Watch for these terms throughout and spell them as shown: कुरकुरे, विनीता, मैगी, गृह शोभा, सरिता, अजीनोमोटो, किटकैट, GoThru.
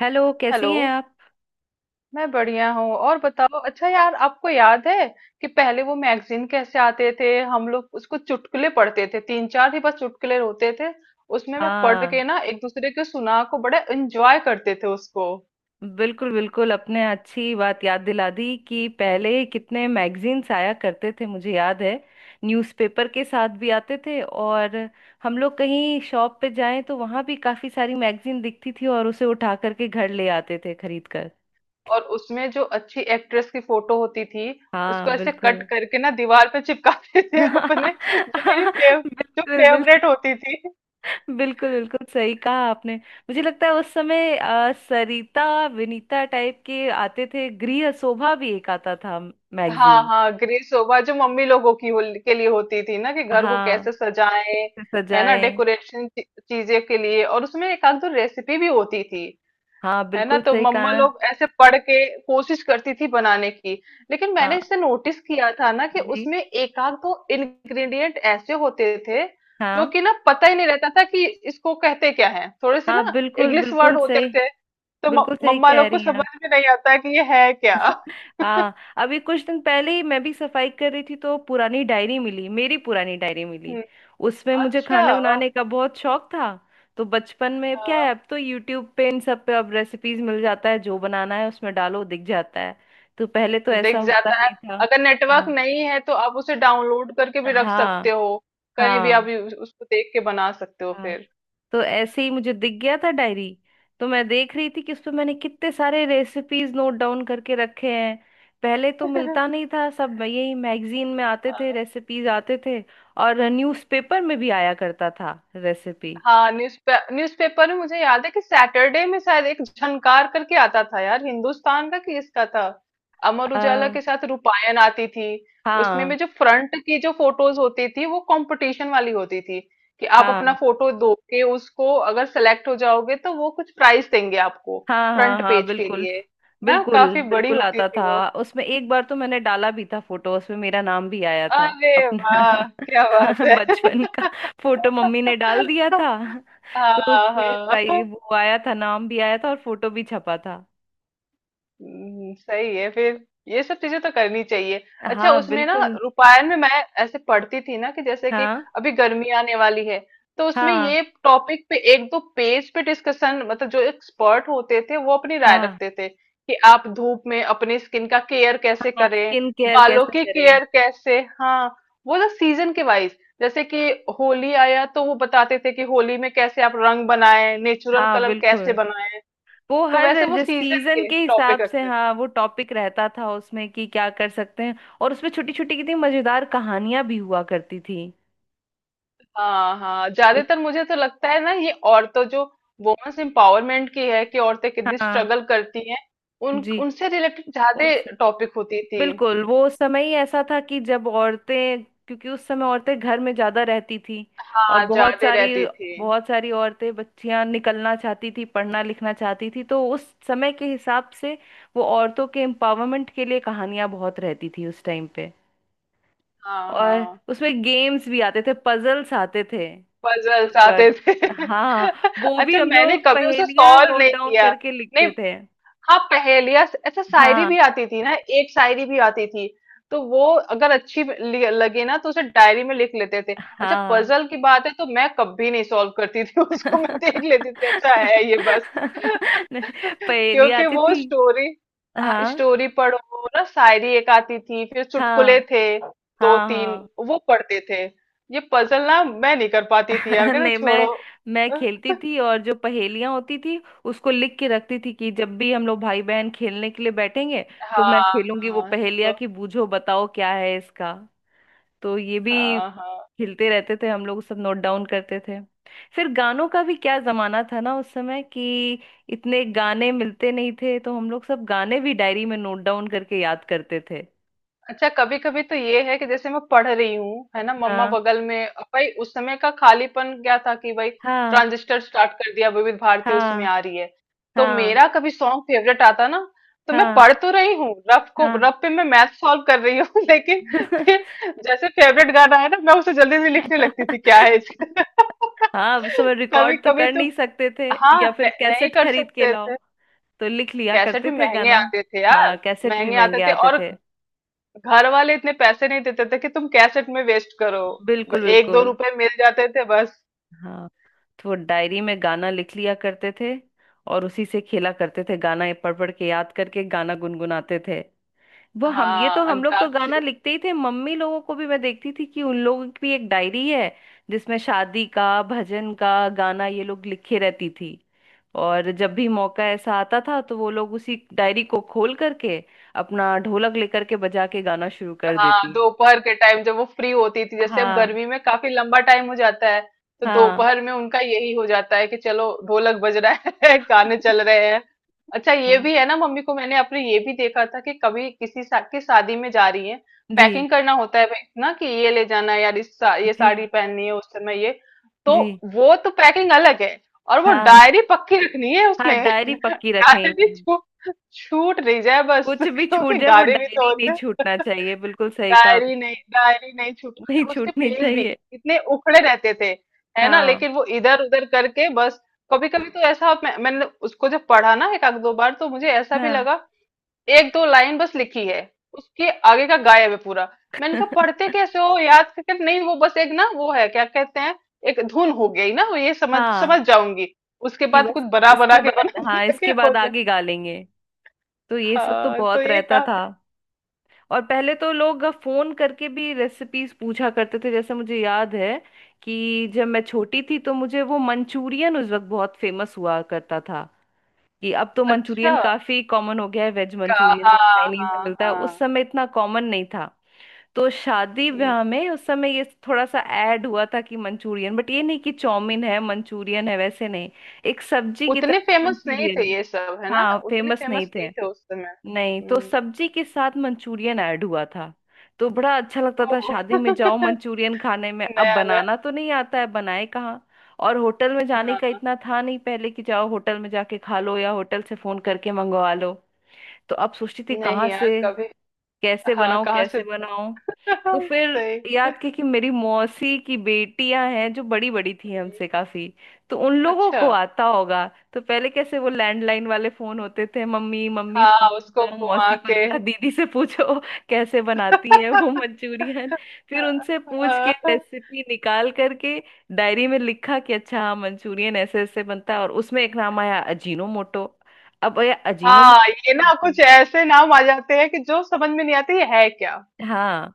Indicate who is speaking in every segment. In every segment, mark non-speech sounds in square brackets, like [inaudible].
Speaker 1: Hello, कैसी
Speaker 2: hello.
Speaker 1: हैं आप।
Speaker 2: मैं बढ़िया हूँ। और बताओ, अच्छा यार, आपको याद है कि पहले वो मैगजीन कैसे आते थे? हम लोग उसको चुटकुले पढ़ते थे। तीन चार ही बस चुटकुले होते थे उसमें। मैं पढ़ के
Speaker 1: हाँ,
Speaker 2: ना एक दूसरे के सुना को बड़ा एंजॉय करते थे उसको।
Speaker 1: बिल्कुल बिल्कुल। अपने अच्छी बात याद दिला दी कि पहले कितने मैगजीन्स आया करते थे, मुझे याद है। न्यूज़पेपर के साथ भी आते थे, और हम लोग कहीं शॉप पे जाएं तो वहाँ भी काफ़ी सारी मैगजीन दिखती थी, और उसे उठा करके घर ले आते थे खरीद कर।
Speaker 2: और उसमें जो अच्छी एक्ट्रेस की फोटो होती थी
Speaker 1: हाँ,
Speaker 2: उसको ऐसे कट
Speaker 1: बिल्कुल।
Speaker 2: करके ना दीवार पे चिपकाते
Speaker 1: [laughs]
Speaker 2: थे [laughs] अपने, जो मेरी फेव, जो
Speaker 1: बिल्कुल बिल्कुल।
Speaker 2: फेवरेट होती थी।
Speaker 1: बिल्कुल बिल्कुल सही कहा आपने। मुझे लगता है उस समय सरिता विनीता टाइप के आते थे, गृह शोभा भी एक आता था
Speaker 2: हाँ
Speaker 1: मैगजीन।
Speaker 2: हाँ, ग्रे सोफा जो मम्मी लोगों की हो, के लिए होती थी ना, कि घर को
Speaker 1: हाँ,
Speaker 2: कैसे सजाएं।
Speaker 1: कैसे
Speaker 2: है ना,
Speaker 1: सजाए।
Speaker 2: डेकोरेशन चीजें के लिए। और उसमें एक आध दो रेसिपी भी होती थी।
Speaker 1: हाँ,
Speaker 2: है ना,
Speaker 1: बिल्कुल
Speaker 2: तो
Speaker 1: सही
Speaker 2: मम्मा
Speaker 1: कहा।
Speaker 2: लोग ऐसे पढ़ के कोशिश करती थी बनाने की। लेकिन मैंने
Speaker 1: हाँ,
Speaker 2: इससे नोटिस किया था ना कि
Speaker 1: जी।
Speaker 2: उसमें एक आध दो इंग्रेडिएंट ऐसे होते थे जो
Speaker 1: हाँ
Speaker 2: कि ना पता ही नहीं रहता था कि इसको कहते क्या है। थोड़े से
Speaker 1: हाँ,
Speaker 2: ना
Speaker 1: बिल्कुल
Speaker 2: इंग्लिश
Speaker 1: बिल्कुल
Speaker 2: वर्ड होते
Speaker 1: सही।
Speaker 2: थे, तो
Speaker 1: बिल्कुल सही
Speaker 2: मम्मा
Speaker 1: कह
Speaker 2: लोग को
Speaker 1: रही हैं
Speaker 2: समझ
Speaker 1: आप।
Speaker 2: में नहीं आता कि ये है क्या। [laughs]
Speaker 1: हाँ, अभी कुछ दिन पहले ही मैं भी सफाई कर रही थी तो पुरानी डायरी मिली, मेरी पुरानी डायरी मिली।
Speaker 2: हम्म।
Speaker 1: उसमें मुझे खाना
Speaker 2: अच्छा।
Speaker 1: बनाने का बहुत शौक था। तो बचपन में क्या
Speaker 2: हाँ,
Speaker 1: है, अब तो यूट्यूब पे इन सब पे अब रेसिपीज मिल जाता है, जो बनाना है उसमें डालो दिख जाता है। तो पहले तो ऐसा
Speaker 2: दिख
Speaker 1: होता
Speaker 2: जाता है।
Speaker 1: नहीं था।
Speaker 2: अगर नेटवर्क
Speaker 1: हाँ
Speaker 2: नहीं है तो आप उसे डाउनलोड करके भी रख
Speaker 1: हाँ।
Speaker 2: सकते हो। कहीं भी आप
Speaker 1: हाँ
Speaker 2: उसको देख के बना सकते हो
Speaker 1: हाँ।
Speaker 2: फिर।
Speaker 1: तो ऐसे ही मुझे दिख गया था डायरी। तो मैं देख रही थी कि उस पे मैंने कितने सारे रेसिपीज नोट डाउन करके रखे हैं। पहले तो मिलता नहीं
Speaker 2: [laughs]
Speaker 1: था, सब यही मैगजीन में आते थे, रेसिपीज आते थे। और न्यूज़पेपर में भी आया करता था रेसिपी।
Speaker 2: हाँ, न्यूज़पेपर में मुझे याद है कि सैटरडे में शायद एक झनकार करके आता था यार, हिंदुस्तान का कि इसका था। अमर
Speaker 1: आ,
Speaker 2: उजाला के
Speaker 1: हाँ।
Speaker 2: साथ रूपायन आती थी। उसमें में जो फ्रंट की जो फोटोज होती थी वो कंपटीशन वाली होती थी। कि आप अपना
Speaker 1: हाँ
Speaker 2: फोटो दो के उसको, अगर सेलेक्ट हो जाओगे तो वो कुछ प्राइस देंगे आपको
Speaker 1: हाँ हाँ।
Speaker 2: फ्रंट
Speaker 1: हाँ,
Speaker 2: पेज के
Speaker 1: बिल्कुल
Speaker 2: लिए। ना
Speaker 1: बिल्कुल।
Speaker 2: काफी बड़ी
Speaker 1: बिल्कुल
Speaker 2: होती
Speaker 1: आता
Speaker 2: थी वो।
Speaker 1: था, उसमें एक बार तो मैंने डाला भी था फोटो, उसमें मेरा नाम भी आया था
Speaker 2: अरे वाह,
Speaker 1: अपना।
Speaker 2: क्या
Speaker 1: [laughs]
Speaker 2: बात
Speaker 1: बचपन का
Speaker 2: है।
Speaker 1: फोटो मम्मी ने डाल दिया था।
Speaker 2: [laughs]
Speaker 1: तो
Speaker 2: हाँ
Speaker 1: उसमें
Speaker 2: हाँ।
Speaker 1: वो आया था, नाम भी आया था और फोटो भी छपा था।
Speaker 2: सही है फिर। ये सब चीजें तो करनी चाहिए। अच्छा
Speaker 1: हाँ,
Speaker 2: उसमें ना,
Speaker 1: बिल्कुल।
Speaker 2: रूपायण में मैं ऐसे पढ़ती थी ना कि जैसे कि
Speaker 1: हाँ
Speaker 2: अभी गर्मी आने वाली है, तो उसमें ये
Speaker 1: हाँ
Speaker 2: टॉपिक पे एक दो पेज पे डिस्कशन, मतलब जो एक्सपर्ट होते थे वो अपनी राय
Speaker 1: हाँ।
Speaker 2: रखते थे कि आप धूप में अपनी स्किन का केयर कैसे
Speaker 1: हाँ,
Speaker 2: करें,
Speaker 1: स्किन केयर
Speaker 2: बालों
Speaker 1: कैसे
Speaker 2: की
Speaker 1: करें।
Speaker 2: केयर कैसे। हाँ, वो ना सीजन के वाइज, जैसे कि होली आया तो वो बताते थे कि होली में कैसे आप रंग बनाएं, नेचुरल
Speaker 1: हाँ,
Speaker 2: कलर कैसे
Speaker 1: बिल्कुल।
Speaker 2: बनाएं।
Speaker 1: वो
Speaker 2: तो
Speaker 1: हर
Speaker 2: वैसे वो
Speaker 1: जो
Speaker 2: सीजन
Speaker 1: सीजन
Speaker 2: के
Speaker 1: के
Speaker 2: टॉपिक
Speaker 1: हिसाब से,
Speaker 2: रखते थे।
Speaker 1: हाँ, वो टॉपिक रहता था उसमें कि क्या कर सकते हैं। और उसमें छोटी छोटी कितनी मजेदार कहानियां भी हुआ करती थी।
Speaker 2: हाँ हाँ,
Speaker 1: तो
Speaker 2: ज्यादातर मुझे तो लगता है ना ये औरतों जो वुमेन्स एम्पावरमेंट की है, कि औरतें कितनी
Speaker 1: हाँ,
Speaker 2: स्ट्रगल करती हैं, उन
Speaker 1: जी,
Speaker 2: उनसे रिलेटेड ज्यादा
Speaker 1: उनसे।
Speaker 2: टॉपिक होती थी।
Speaker 1: बिल्कुल, वो समय ही ऐसा था कि जब औरतें, क्योंकि उस समय औरतें घर में ज्यादा रहती थी। और
Speaker 2: हाँ,
Speaker 1: बहुत
Speaker 2: ज्यादा
Speaker 1: सारी,
Speaker 2: रहती थी।
Speaker 1: बहुत सारी औरतें बच्चियां निकलना चाहती थी, पढ़ना लिखना चाहती थी, तो उस समय के हिसाब से वो औरतों के एम्पावरमेंट के लिए कहानियां बहुत रहती थी उस टाइम पे।
Speaker 2: हाँ
Speaker 1: और
Speaker 2: हाँ,
Speaker 1: उसमें गेम्स भी आते थे, पजल्स आते थे
Speaker 2: पजल्स
Speaker 1: उस
Speaker 2: आते
Speaker 1: वक्त।
Speaker 2: थे। [laughs]
Speaker 1: हाँ, वो भी
Speaker 2: अच्छा,
Speaker 1: हम
Speaker 2: मैंने
Speaker 1: लोग
Speaker 2: कभी उसे
Speaker 1: पहेलियां
Speaker 2: सॉल्व
Speaker 1: नोट
Speaker 2: नहीं
Speaker 1: डाउन
Speaker 2: किया।
Speaker 1: करके
Speaker 2: नहीं,
Speaker 1: लिखते थे।
Speaker 2: हाँ, पहेलियाँ अच्छा, शायरी
Speaker 1: हाँ
Speaker 2: भी आती थी ना, एक शायरी भी आती थी। तो वो अगर अच्छी लगे ना तो उसे डायरी में लिख लेते थे। अच्छा,
Speaker 1: हाँ।
Speaker 2: पजल की बात है तो मैं कभी नहीं सॉल्व करती थी। [laughs] उसको मैं देख लेती थी, अच्छा है ये,
Speaker 1: [laughs]
Speaker 2: बस। [laughs]
Speaker 1: नहीं, पहेली
Speaker 2: क्योंकि
Speaker 1: आती
Speaker 2: वो
Speaker 1: थी।
Speaker 2: स्टोरी, हाँ
Speaker 1: हाँ
Speaker 2: स्टोरी पढ़ो ना, शायरी एक आती थी, फिर चुटकुले
Speaker 1: हाँ
Speaker 2: थे दो
Speaker 1: हाँ
Speaker 2: तीन,
Speaker 1: हाँ।
Speaker 2: वो पढ़ते थे। ये पजल ना मैं नहीं कर पाती थी यार,
Speaker 1: [laughs]
Speaker 2: कहते
Speaker 1: नहीं,
Speaker 2: छोड़ो।
Speaker 1: मैं खेलती थी, और जो पहेलियां होती थी उसको लिख के रखती थी कि जब भी हम लोग भाई बहन खेलने के लिए बैठेंगे तो मैं
Speaker 2: हाँ
Speaker 1: खेलूंगी वो
Speaker 2: हाँ।
Speaker 1: पहेलियां
Speaker 2: तो
Speaker 1: कि बूझो बताओ क्या है इसका। तो ये भी
Speaker 2: हाँ हाँ,
Speaker 1: खेलते रहते थे हम लोग, सब नोट डाउन करते थे। फिर गानों का भी क्या जमाना था ना उस समय कि इतने गाने मिलते नहीं थे, तो हम लोग सब गाने भी डायरी में नोट डाउन करके याद करते थे।
Speaker 2: अच्छा कभी कभी तो ये है कि जैसे मैं पढ़ रही हूँ, है ना, मम्मा
Speaker 1: हाँ
Speaker 2: बगल में, अब भाई उस समय का खालीपन क्या था कि भाई
Speaker 1: हाँ।
Speaker 2: ट्रांजिस्टर स्टार्ट कर दिया, विविध भारती उसमें
Speaker 1: हाँ
Speaker 2: आ रही है, तो
Speaker 1: हाँ।
Speaker 2: मेरा कभी सॉन्ग फेवरेट आता ना, तो मैं
Speaker 1: हाँ
Speaker 2: पढ़ तो रही हूँ, रफ को,
Speaker 1: हाँ।
Speaker 2: रफ पे मैं मैथ सॉल्व कर रही हूँ। [laughs] लेकिन
Speaker 1: [laughs]
Speaker 2: फिर जैसे फेवरेट गाना है ना, मैं उसे जल्दी से लिखने लगती थी क्या है इसका।
Speaker 1: हाँ, उस
Speaker 2: [laughs]
Speaker 1: समय
Speaker 2: कभी
Speaker 1: रिकॉर्ड तो
Speaker 2: कभी
Speaker 1: कर
Speaker 2: तो,
Speaker 1: नहीं सकते थे।
Speaker 2: हाँ,
Speaker 1: या फिर
Speaker 2: नहीं
Speaker 1: कैसेट
Speaker 2: कर
Speaker 1: खरीद के
Speaker 2: सकते
Speaker 1: लाओ,
Speaker 2: थे।
Speaker 1: तो लिख लिया
Speaker 2: कैसेट
Speaker 1: करते
Speaker 2: भी
Speaker 1: थे
Speaker 2: महंगे
Speaker 1: गाना।
Speaker 2: आते थे
Speaker 1: हाँ,
Speaker 2: यार,
Speaker 1: कैसेट भी
Speaker 2: महंगे आते
Speaker 1: महंगे
Speaker 2: थे,
Speaker 1: आते
Speaker 2: और
Speaker 1: थे।
Speaker 2: घर वाले इतने पैसे नहीं देते थे कि तुम कैसेट में वेस्ट करो।
Speaker 1: बिल्कुल
Speaker 2: एक दो
Speaker 1: बिल्कुल।
Speaker 2: रुपए मिल जाते थे बस।
Speaker 1: हाँ, तो वो डायरी में गाना लिख लिया करते थे। और उसी से खेला करते थे गाना, ये पढ़ पढ़ के याद करके गाना गुनगुनाते थे। वो हम, ये
Speaker 2: हाँ,
Speaker 1: तो हम लोग तो गाना
Speaker 2: अंताक्षरी।
Speaker 1: लिखते ही थे, मम्मी लोगों को भी मैं देखती थी कि उन लोगों की भी एक डायरी है जिसमें शादी का, भजन का गाना ये लोग लिखे रहती थी। और जब भी मौका ऐसा आता था तो वो लोग उसी डायरी को खोल करके अपना ढोलक लेकर के बजा के गाना शुरू कर
Speaker 2: हाँ,
Speaker 1: देती है।
Speaker 2: दोपहर के टाइम जब वो फ्री होती थी, जैसे अब
Speaker 1: हाँ।
Speaker 2: गर्मी में काफी लंबा टाइम हो जाता है, तो
Speaker 1: हाँ।
Speaker 2: दोपहर में उनका यही हो जाता है कि चलो ढोलक बज रहा है। [laughs] गाने चल रहे हैं। अच्छा ये
Speaker 1: हाँ,
Speaker 2: भी है ना, मम्मी को मैंने अपने ये भी देखा था कि कभी किसी की शादी में जा रही है,
Speaker 1: जी।
Speaker 2: पैकिंग करना होता है भाई ना, कि ये ले जाना है यार, इस ये
Speaker 1: जी,
Speaker 2: साड़ी पहननी है उस समय ये, तो
Speaker 1: जी।
Speaker 2: वो तो पैकिंग अलग है, और वो
Speaker 1: हाँ।
Speaker 2: डायरी पक्की रखनी है
Speaker 1: हाँ,
Speaker 2: उसमें। [laughs]
Speaker 1: डायरी पक्की
Speaker 2: डायरी
Speaker 1: रखेंगे।
Speaker 2: छूट, छूट नहीं जाए बस। [laughs]
Speaker 1: कुछ भी छूट
Speaker 2: क्योंकि
Speaker 1: जाए, वो
Speaker 2: गाने भी तो
Speaker 1: डायरी
Speaker 2: होते
Speaker 1: नहीं
Speaker 2: हैं।
Speaker 1: छूटना चाहिए, बिल्कुल सही कहा आपने।
Speaker 2: डायरी नहीं, डायरी नहीं छूटी।
Speaker 1: नहीं
Speaker 2: अच्छा, उसके
Speaker 1: छूटनी
Speaker 2: पेज भी
Speaker 1: चाहिए।
Speaker 2: इतने उखड़े रहते थे है ना,
Speaker 1: हाँ।
Speaker 2: लेकिन वो इधर उधर करके बस। कभी कभी तो ऐसा मैंने उसको जब पढ़ा ना एक आध दो बार तो मुझे ऐसा भी
Speaker 1: हाँ।
Speaker 2: लगा एक दो लाइन बस लिखी है, उसके आगे का गायब है पूरा। मैंने कहा पढ़ते
Speaker 1: [laughs]
Speaker 2: कैसे हो, याद करके तो नहीं, वो बस एक ना वो है क्या कहते हैं, एक धुन हो गई ना वो, ये समझ समझ
Speaker 1: हाँ,
Speaker 2: जाऊंगी, उसके
Speaker 1: कि
Speaker 2: बाद कुछ
Speaker 1: बस
Speaker 2: बना बना
Speaker 1: इसके
Speaker 2: के, बना
Speaker 1: बाद, हाँ,
Speaker 2: बना के
Speaker 1: इसके
Speaker 2: हो
Speaker 1: बाद
Speaker 2: जाए।
Speaker 1: आगे गालेंगे। तो ये सब तो
Speaker 2: हाँ तो
Speaker 1: बहुत
Speaker 2: ये
Speaker 1: रहता था।
Speaker 2: काफी।
Speaker 1: और पहले तो लोग फोन करके भी रेसिपीज पूछा करते थे, जैसे मुझे याद है कि जब मैं छोटी थी तो मुझे वो मंचूरियन उस वक्त बहुत फेमस हुआ करता था। कि अब तो
Speaker 2: अच्छा,
Speaker 1: मंचूरियन काफी कॉमन हो गया है, वेज
Speaker 2: का,
Speaker 1: मंचूरियन जो
Speaker 2: हाँ
Speaker 1: चाइनीज
Speaker 2: हाँ
Speaker 1: में मिलता है, उस
Speaker 2: हाँ,
Speaker 1: समय इतना कॉमन नहीं था। तो शादी ब्याह में उस समय ये थोड़ा सा ऐड हुआ था कि मंचूरियन, बट ये नहीं कि चाउमीन है मंचूरियन है, वैसे नहीं। एक सब्जी की
Speaker 2: उतने
Speaker 1: तरह
Speaker 2: फेमस नहीं थे
Speaker 1: मंचूरियन।
Speaker 2: ये सब, है ना,
Speaker 1: हाँ,
Speaker 2: उतने
Speaker 1: फेमस नहीं
Speaker 2: फेमस
Speaker 1: थे।
Speaker 2: नहीं थे उस समय।
Speaker 1: नहीं तो
Speaker 2: हम्म।
Speaker 1: सब्जी के साथ मंचूरियन ऐड हुआ था। तो बड़ा अच्छा लगता
Speaker 2: ओ।
Speaker 1: था शादी
Speaker 2: [laughs]
Speaker 1: में जाओ मंचूरियन खाने में, अब
Speaker 2: नया नया।
Speaker 1: बनाना तो नहीं आता है, बनाए कहाँ। और होटल में जाने का
Speaker 2: हाँ।
Speaker 1: इतना था नहीं पहले कि जाओ होटल में जाके खा लो या होटल से फोन करके मंगवा लो। तो अब सोचती थी
Speaker 2: नहीं
Speaker 1: कहाँ
Speaker 2: यार,
Speaker 1: से,
Speaker 2: कभी।
Speaker 1: कैसे
Speaker 2: हाँ
Speaker 1: बनाऊं
Speaker 2: कहाँ से।
Speaker 1: कैसे बनाऊं।
Speaker 2: [laughs]
Speaker 1: तो फिर
Speaker 2: सही।
Speaker 1: याद की कि मेरी मौसी की बेटियां हैं जो बड़ी बड़ी थी
Speaker 2: हम्म।
Speaker 1: हमसे काफी, तो उन लोगों
Speaker 2: अच्छा।
Speaker 1: को आता होगा। तो पहले कैसे वो लैंडलाइन वाले फोन होते थे, मम्मी मम्मी फोन
Speaker 2: हाँ, उसको
Speaker 1: लगाओ
Speaker 2: घुमा
Speaker 1: मौसी को,
Speaker 2: के।
Speaker 1: दिखा दीदी से पूछो [laughs] कैसे बनाती है वो मंचूरियन। फिर उनसे पूछ के
Speaker 2: [laughs]
Speaker 1: रेसिपी निकाल करके डायरी में लिखा कि अच्छा हाँ, मंचूरियन ऐसे ऐसे बनता है, और उसमें एक नाम आया अजीनोमोटो। अब ये
Speaker 2: हाँ, ये ना
Speaker 1: अजीनोमोटो,
Speaker 2: कुछ ऐसे नाम आ जाते हैं कि जो समझ में नहीं आते ये है क्या।
Speaker 1: हाँ,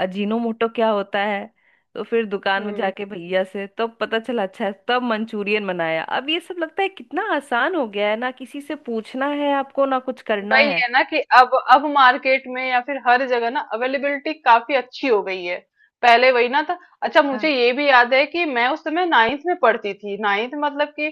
Speaker 1: अजीनोमोटो क्या होता है। तो फिर दुकान में
Speaker 2: हम्म।
Speaker 1: जाके भैया से तब पता चला, अच्छा है, तब मंचूरियन बनाया। अब ये सब लगता है कितना आसान हो गया है ना, किसी से पूछना है आपको ना कुछ करना
Speaker 2: वही
Speaker 1: है।
Speaker 2: है ना कि अब मार्केट में या फिर हर जगह ना अवेलेबिलिटी काफी अच्छी हो गई है, पहले वही ना था। अच्छा, मुझे
Speaker 1: हाँ।
Speaker 2: ये भी याद है कि मैं उस समय नाइन्थ में पढ़ती थी, नाइन्थ मतलब कि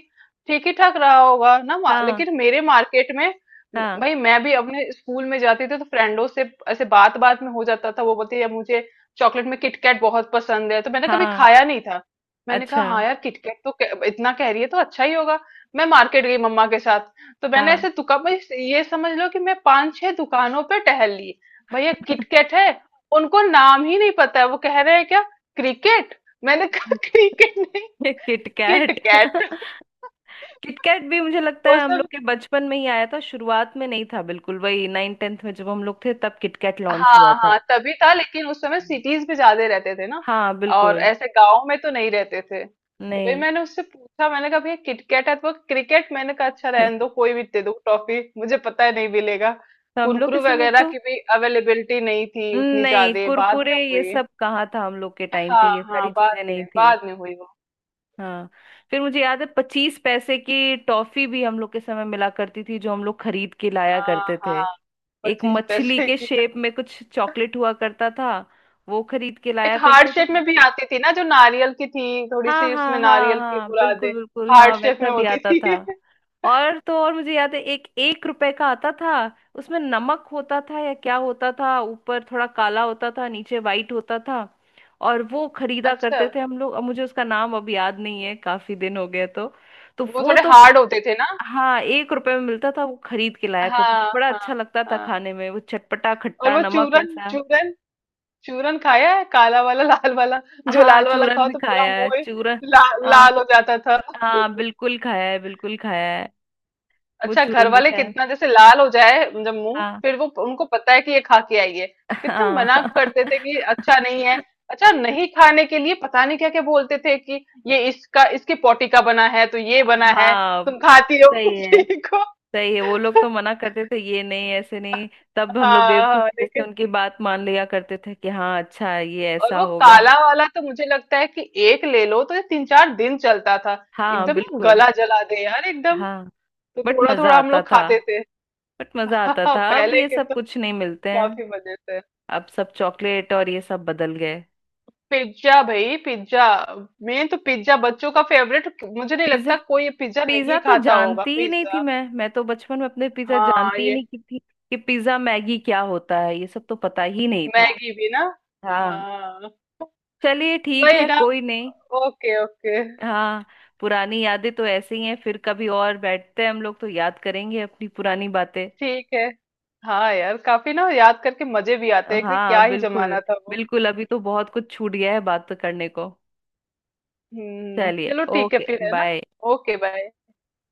Speaker 2: ठीक ही ठाक रहा होगा ना,
Speaker 1: हाँ
Speaker 2: लेकिन मेरे मार्केट में,
Speaker 1: हाँ।
Speaker 2: भाई मैं भी अपने स्कूल में जाती थी तो फ्रेंडों से ऐसे बात बात में हो जाता था। वो बोलते यार मुझे चॉकलेट में किटकैट बहुत पसंद है, तो मैंने कभी
Speaker 1: हाँ,
Speaker 2: खाया नहीं था। मैंने कहा
Speaker 1: अच्छा।
Speaker 2: हाँ यार किटकैट तो, इतना कह रही है तो अच्छा ही होगा। मैं मार्केट गई मम्मा के साथ, तो मैंने
Speaker 1: हाँ।
Speaker 2: ऐसे दुकान में, ये समझ लो कि मैं पांच छह दुकानों पे टहल ली। भैया
Speaker 1: [laughs]
Speaker 2: किटकैट है? उनको नाम ही नहीं पता है, वो कह रहे हैं क्या, क्रिकेट? मैंने कहा [laughs] क्रिकेट नहीं,
Speaker 1: किटकैट।
Speaker 2: किटकैट।
Speaker 1: [laughs] किटकैट भी मुझे
Speaker 2: [laughs]
Speaker 1: लगता
Speaker 2: वो
Speaker 1: है हम
Speaker 2: सब,
Speaker 1: लोग के बचपन में ही आया था, शुरुआत में नहीं था बिल्कुल, वही नाइन टेंथ में जब हम लोग थे तब किटकैट लॉन्च हुआ
Speaker 2: हाँ
Speaker 1: था।
Speaker 2: हाँ तभी था, लेकिन उस समय सिटीज में ज्यादा रहते थे ना,
Speaker 1: हाँ,
Speaker 2: और
Speaker 1: बिल्कुल।
Speaker 2: ऐसे गांव में तो नहीं रहते थे। तो भाई
Speaker 1: नहीं।
Speaker 2: मैंने उससे पूछा, मैंने कहा भैया किटकैट है? तो क्रिकेट। मैंने कहा अच्छा रहने
Speaker 1: [laughs]
Speaker 2: दो, कोई भी दे दो टॉफी, मुझे पता है नहीं मिलेगा।
Speaker 1: तो हम लोग के
Speaker 2: कुरकुरे
Speaker 1: समय
Speaker 2: वगैरह
Speaker 1: तो,
Speaker 2: की भी अवेलेबिलिटी नहीं थी उतनी,
Speaker 1: नहीं
Speaker 2: ज्यादा बाद
Speaker 1: कुरकुरे
Speaker 2: में
Speaker 1: ये
Speaker 2: हुई।
Speaker 1: सब कहाँ था, हम लोग के टाइम पे
Speaker 2: हाँ
Speaker 1: ये सारी
Speaker 2: हाँ,
Speaker 1: चीजें नहीं थी।
Speaker 2: बाद में हुई वो।
Speaker 1: हाँ, फिर मुझे याद है पच्चीस पैसे की टॉफी भी हम लोग के समय मिला करती थी, जो हम लोग खरीद के लाया
Speaker 2: हाँ
Speaker 1: करते थे।
Speaker 2: हाँ,
Speaker 1: एक
Speaker 2: पच्चीस
Speaker 1: मछली
Speaker 2: पैसे
Speaker 1: के
Speaker 2: की।
Speaker 1: शेप में कुछ चॉकलेट हुआ करता था, वो खरीद के
Speaker 2: एक
Speaker 1: लाया
Speaker 2: हार्ट
Speaker 1: करते थे।
Speaker 2: शेप में भी आती थी ना, जो नारियल की थी थोड़ी
Speaker 1: हाँ
Speaker 2: सी, उसमें
Speaker 1: हाँ हाँ
Speaker 2: नारियल की
Speaker 1: हाँ,
Speaker 2: बुरादे,
Speaker 1: बिल्कुल बिल्कुल, हाँ
Speaker 2: हार्ट शेप
Speaker 1: वैसा
Speaker 2: में
Speaker 1: भी
Speaker 2: होती
Speaker 1: आता
Speaker 2: थी।
Speaker 1: था।
Speaker 2: [laughs]
Speaker 1: और तो और, मुझे याद है एक एक रुपए का आता था, उसमें नमक होता था या क्या होता था, ऊपर थोड़ा काला होता था, नीचे वाइट होता था। और वो खरीदा
Speaker 2: अच्छा,
Speaker 1: करते थे हम लोग, अब मुझे उसका नाम अब याद नहीं है, काफी दिन हो गए तो। तो
Speaker 2: वो
Speaker 1: वो
Speaker 2: थोड़े
Speaker 1: तो,
Speaker 2: हार्ड होते थे ना।
Speaker 1: हाँ एक रुपए में मिलता था, वो खरीद के लाया करती
Speaker 2: हाँ
Speaker 1: थी, बड़ा
Speaker 2: हाँ
Speaker 1: अच्छा लगता था
Speaker 2: हाँ।
Speaker 1: खाने में वो चटपटा
Speaker 2: और
Speaker 1: खट्टा
Speaker 2: वो
Speaker 1: नमक
Speaker 2: चूरन,
Speaker 1: ऐसा।
Speaker 2: चूरन, चूरन खाया है, काला वाला लाल वाला। जो
Speaker 1: हाँ,
Speaker 2: लाल वाला
Speaker 1: चूरन
Speaker 2: खाओ
Speaker 1: भी
Speaker 2: तो पूरा
Speaker 1: खाया है
Speaker 2: मुंह ही,
Speaker 1: चूरन।
Speaker 2: ला,
Speaker 1: हाँ
Speaker 2: लाल हो जाता था।
Speaker 1: हाँ, बिल्कुल खाया है, बिल्कुल खाया। वो
Speaker 2: अच्छा, घर
Speaker 1: चूरन
Speaker 2: वाले
Speaker 1: मीठा है।
Speaker 2: कितना, जैसे लाल हो जाए जब मुंह,
Speaker 1: हाँ।
Speaker 2: फिर वो उनको पता है कि ये खा के आई है। कितना
Speaker 1: हाँ।
Speaker 2: मना करते थे कि
Speaker 1: [laughs]
Speaker 2: अच्छा नहीं है, अच्छा नहीं खाने के लिए। पता नहीं क्या क्या बोलते थे, कि ये इसका, इसके पोटी का बना है, तो ये बना है,
Speaker 1: हाँ।
Speaker 2: तुम खाती हो [laughs]
Speaker 1: सही है,
Speaker 2: उसी को।
Speaker 1: सही है, वो लोग तो मना करते थे, ये नहीं, ऐसे नहीं। तब हम लोग
Speaker 2: हाँ
Speaker 1: बेवकूफ
Speaker 2: हाँ,
Speaker 1: की जैसे
Speaker 2: लेकिन,
Speaker 1: उनकी बात मान लिया करते थे कि हाँ अच्छा है, ये
Speaker 2: और
Speaker 1: ऐसा
Speaker 2: वो
Speaker 1: होगा।
Speaker 2: काला वाला तो मुझे लगता है कि एक ले लो तो ये तीन चार दिन चलता था।
Speaker 1: हाँ,
Speaker 2: एकदम ना
Speaker 1: बिल्कुल।
Speaker 2: गला जला दे यार एकदम,
Speaker 1: हाँ,
Speaker 2: तो
Speaker 1: बट
Speaker 2: थोड़ा
Speaker 1: मजा
Speaker 2: थोड़ा हम
Speaker 1: आता
Speaker 2: लोग
Speaker 1: था।
Speaker 2: खाते थे।
Speaker 1: बट मजा
Speaker 2: [laughs]
Speaker 1: आता था, अब
Speaker 2: पहले
Speaker 1: ये
Speaker 2: के
Speaker 1: सब
Speaker 2: तो
Speaker 1: कुछ नहीं मिलते हैं।
Speaker 2: काफी मजे थे।
Speaker 1: अब सब चॉकलेट और ये सब बदल गए।
Speaker 2: पिज्जा भाई, पिज्जा, मेन तो पिज्जा बच्चों का फेवरेट। मुझे नहीं
Speaker 1: पिज्जा।
Speaker 2: लगता कोई ये पिज्जा
Speaker 1: पिज्जा
Speaker 2: नहीं
Speaker 1: तो
Speaker 2: खाता होगा।
Speaker 1: जानती ही नहीं थी
Speaker 2: पिज्जा,
Speaker 1: मैं तो बचपन में अपने पिज्जा
Speaker 2: हाँ
Speaker 1: जानती ही
Speaker 2: ये,
Speaker 1: नहीं की थी कि पिज्जा मैगी क्या होता है, ये सब तो पता ही नहीं था।
Speaker 2: मैगी भी ना।
Speaker 1: हाँ,
Speaker 2: हाँ।
Speaker 1: चलिए ठीक
Speaker 2: वही
Speaker 1: है,
Speaker 2: ना।
Speaker 1: कोई नहीं।
Speaker 2: Okay okay.
Speaker 1: हाँ, पुरानी यादें तो ऐसे ही हैं, फिर कभी और बैठते हैं हम लोग तो याद करेंगे अपनी पुरानी बातें।
Speaker 2: ठीक है। हाँ यार, काफी ना याद करके मजे भी आते हैं, कि क्या
Speaker 1: हाँ,
Speaker 2: ही
Speaker 1: बिल्कुल।
Speaker 2: जमाना था वो।
Speaker 1: बिल्कुल, अभी तो बहुत कुछ छूट गया है बात करने को।
Speaker 2: हुँ,
Speaker 1: चलिए,
Speaker 2: चलो ठीक है
Speaker 1: ओके
Speaker 2: फिर, है ना?
Speaker 1: बाय।
Speaker 2: Okay bye.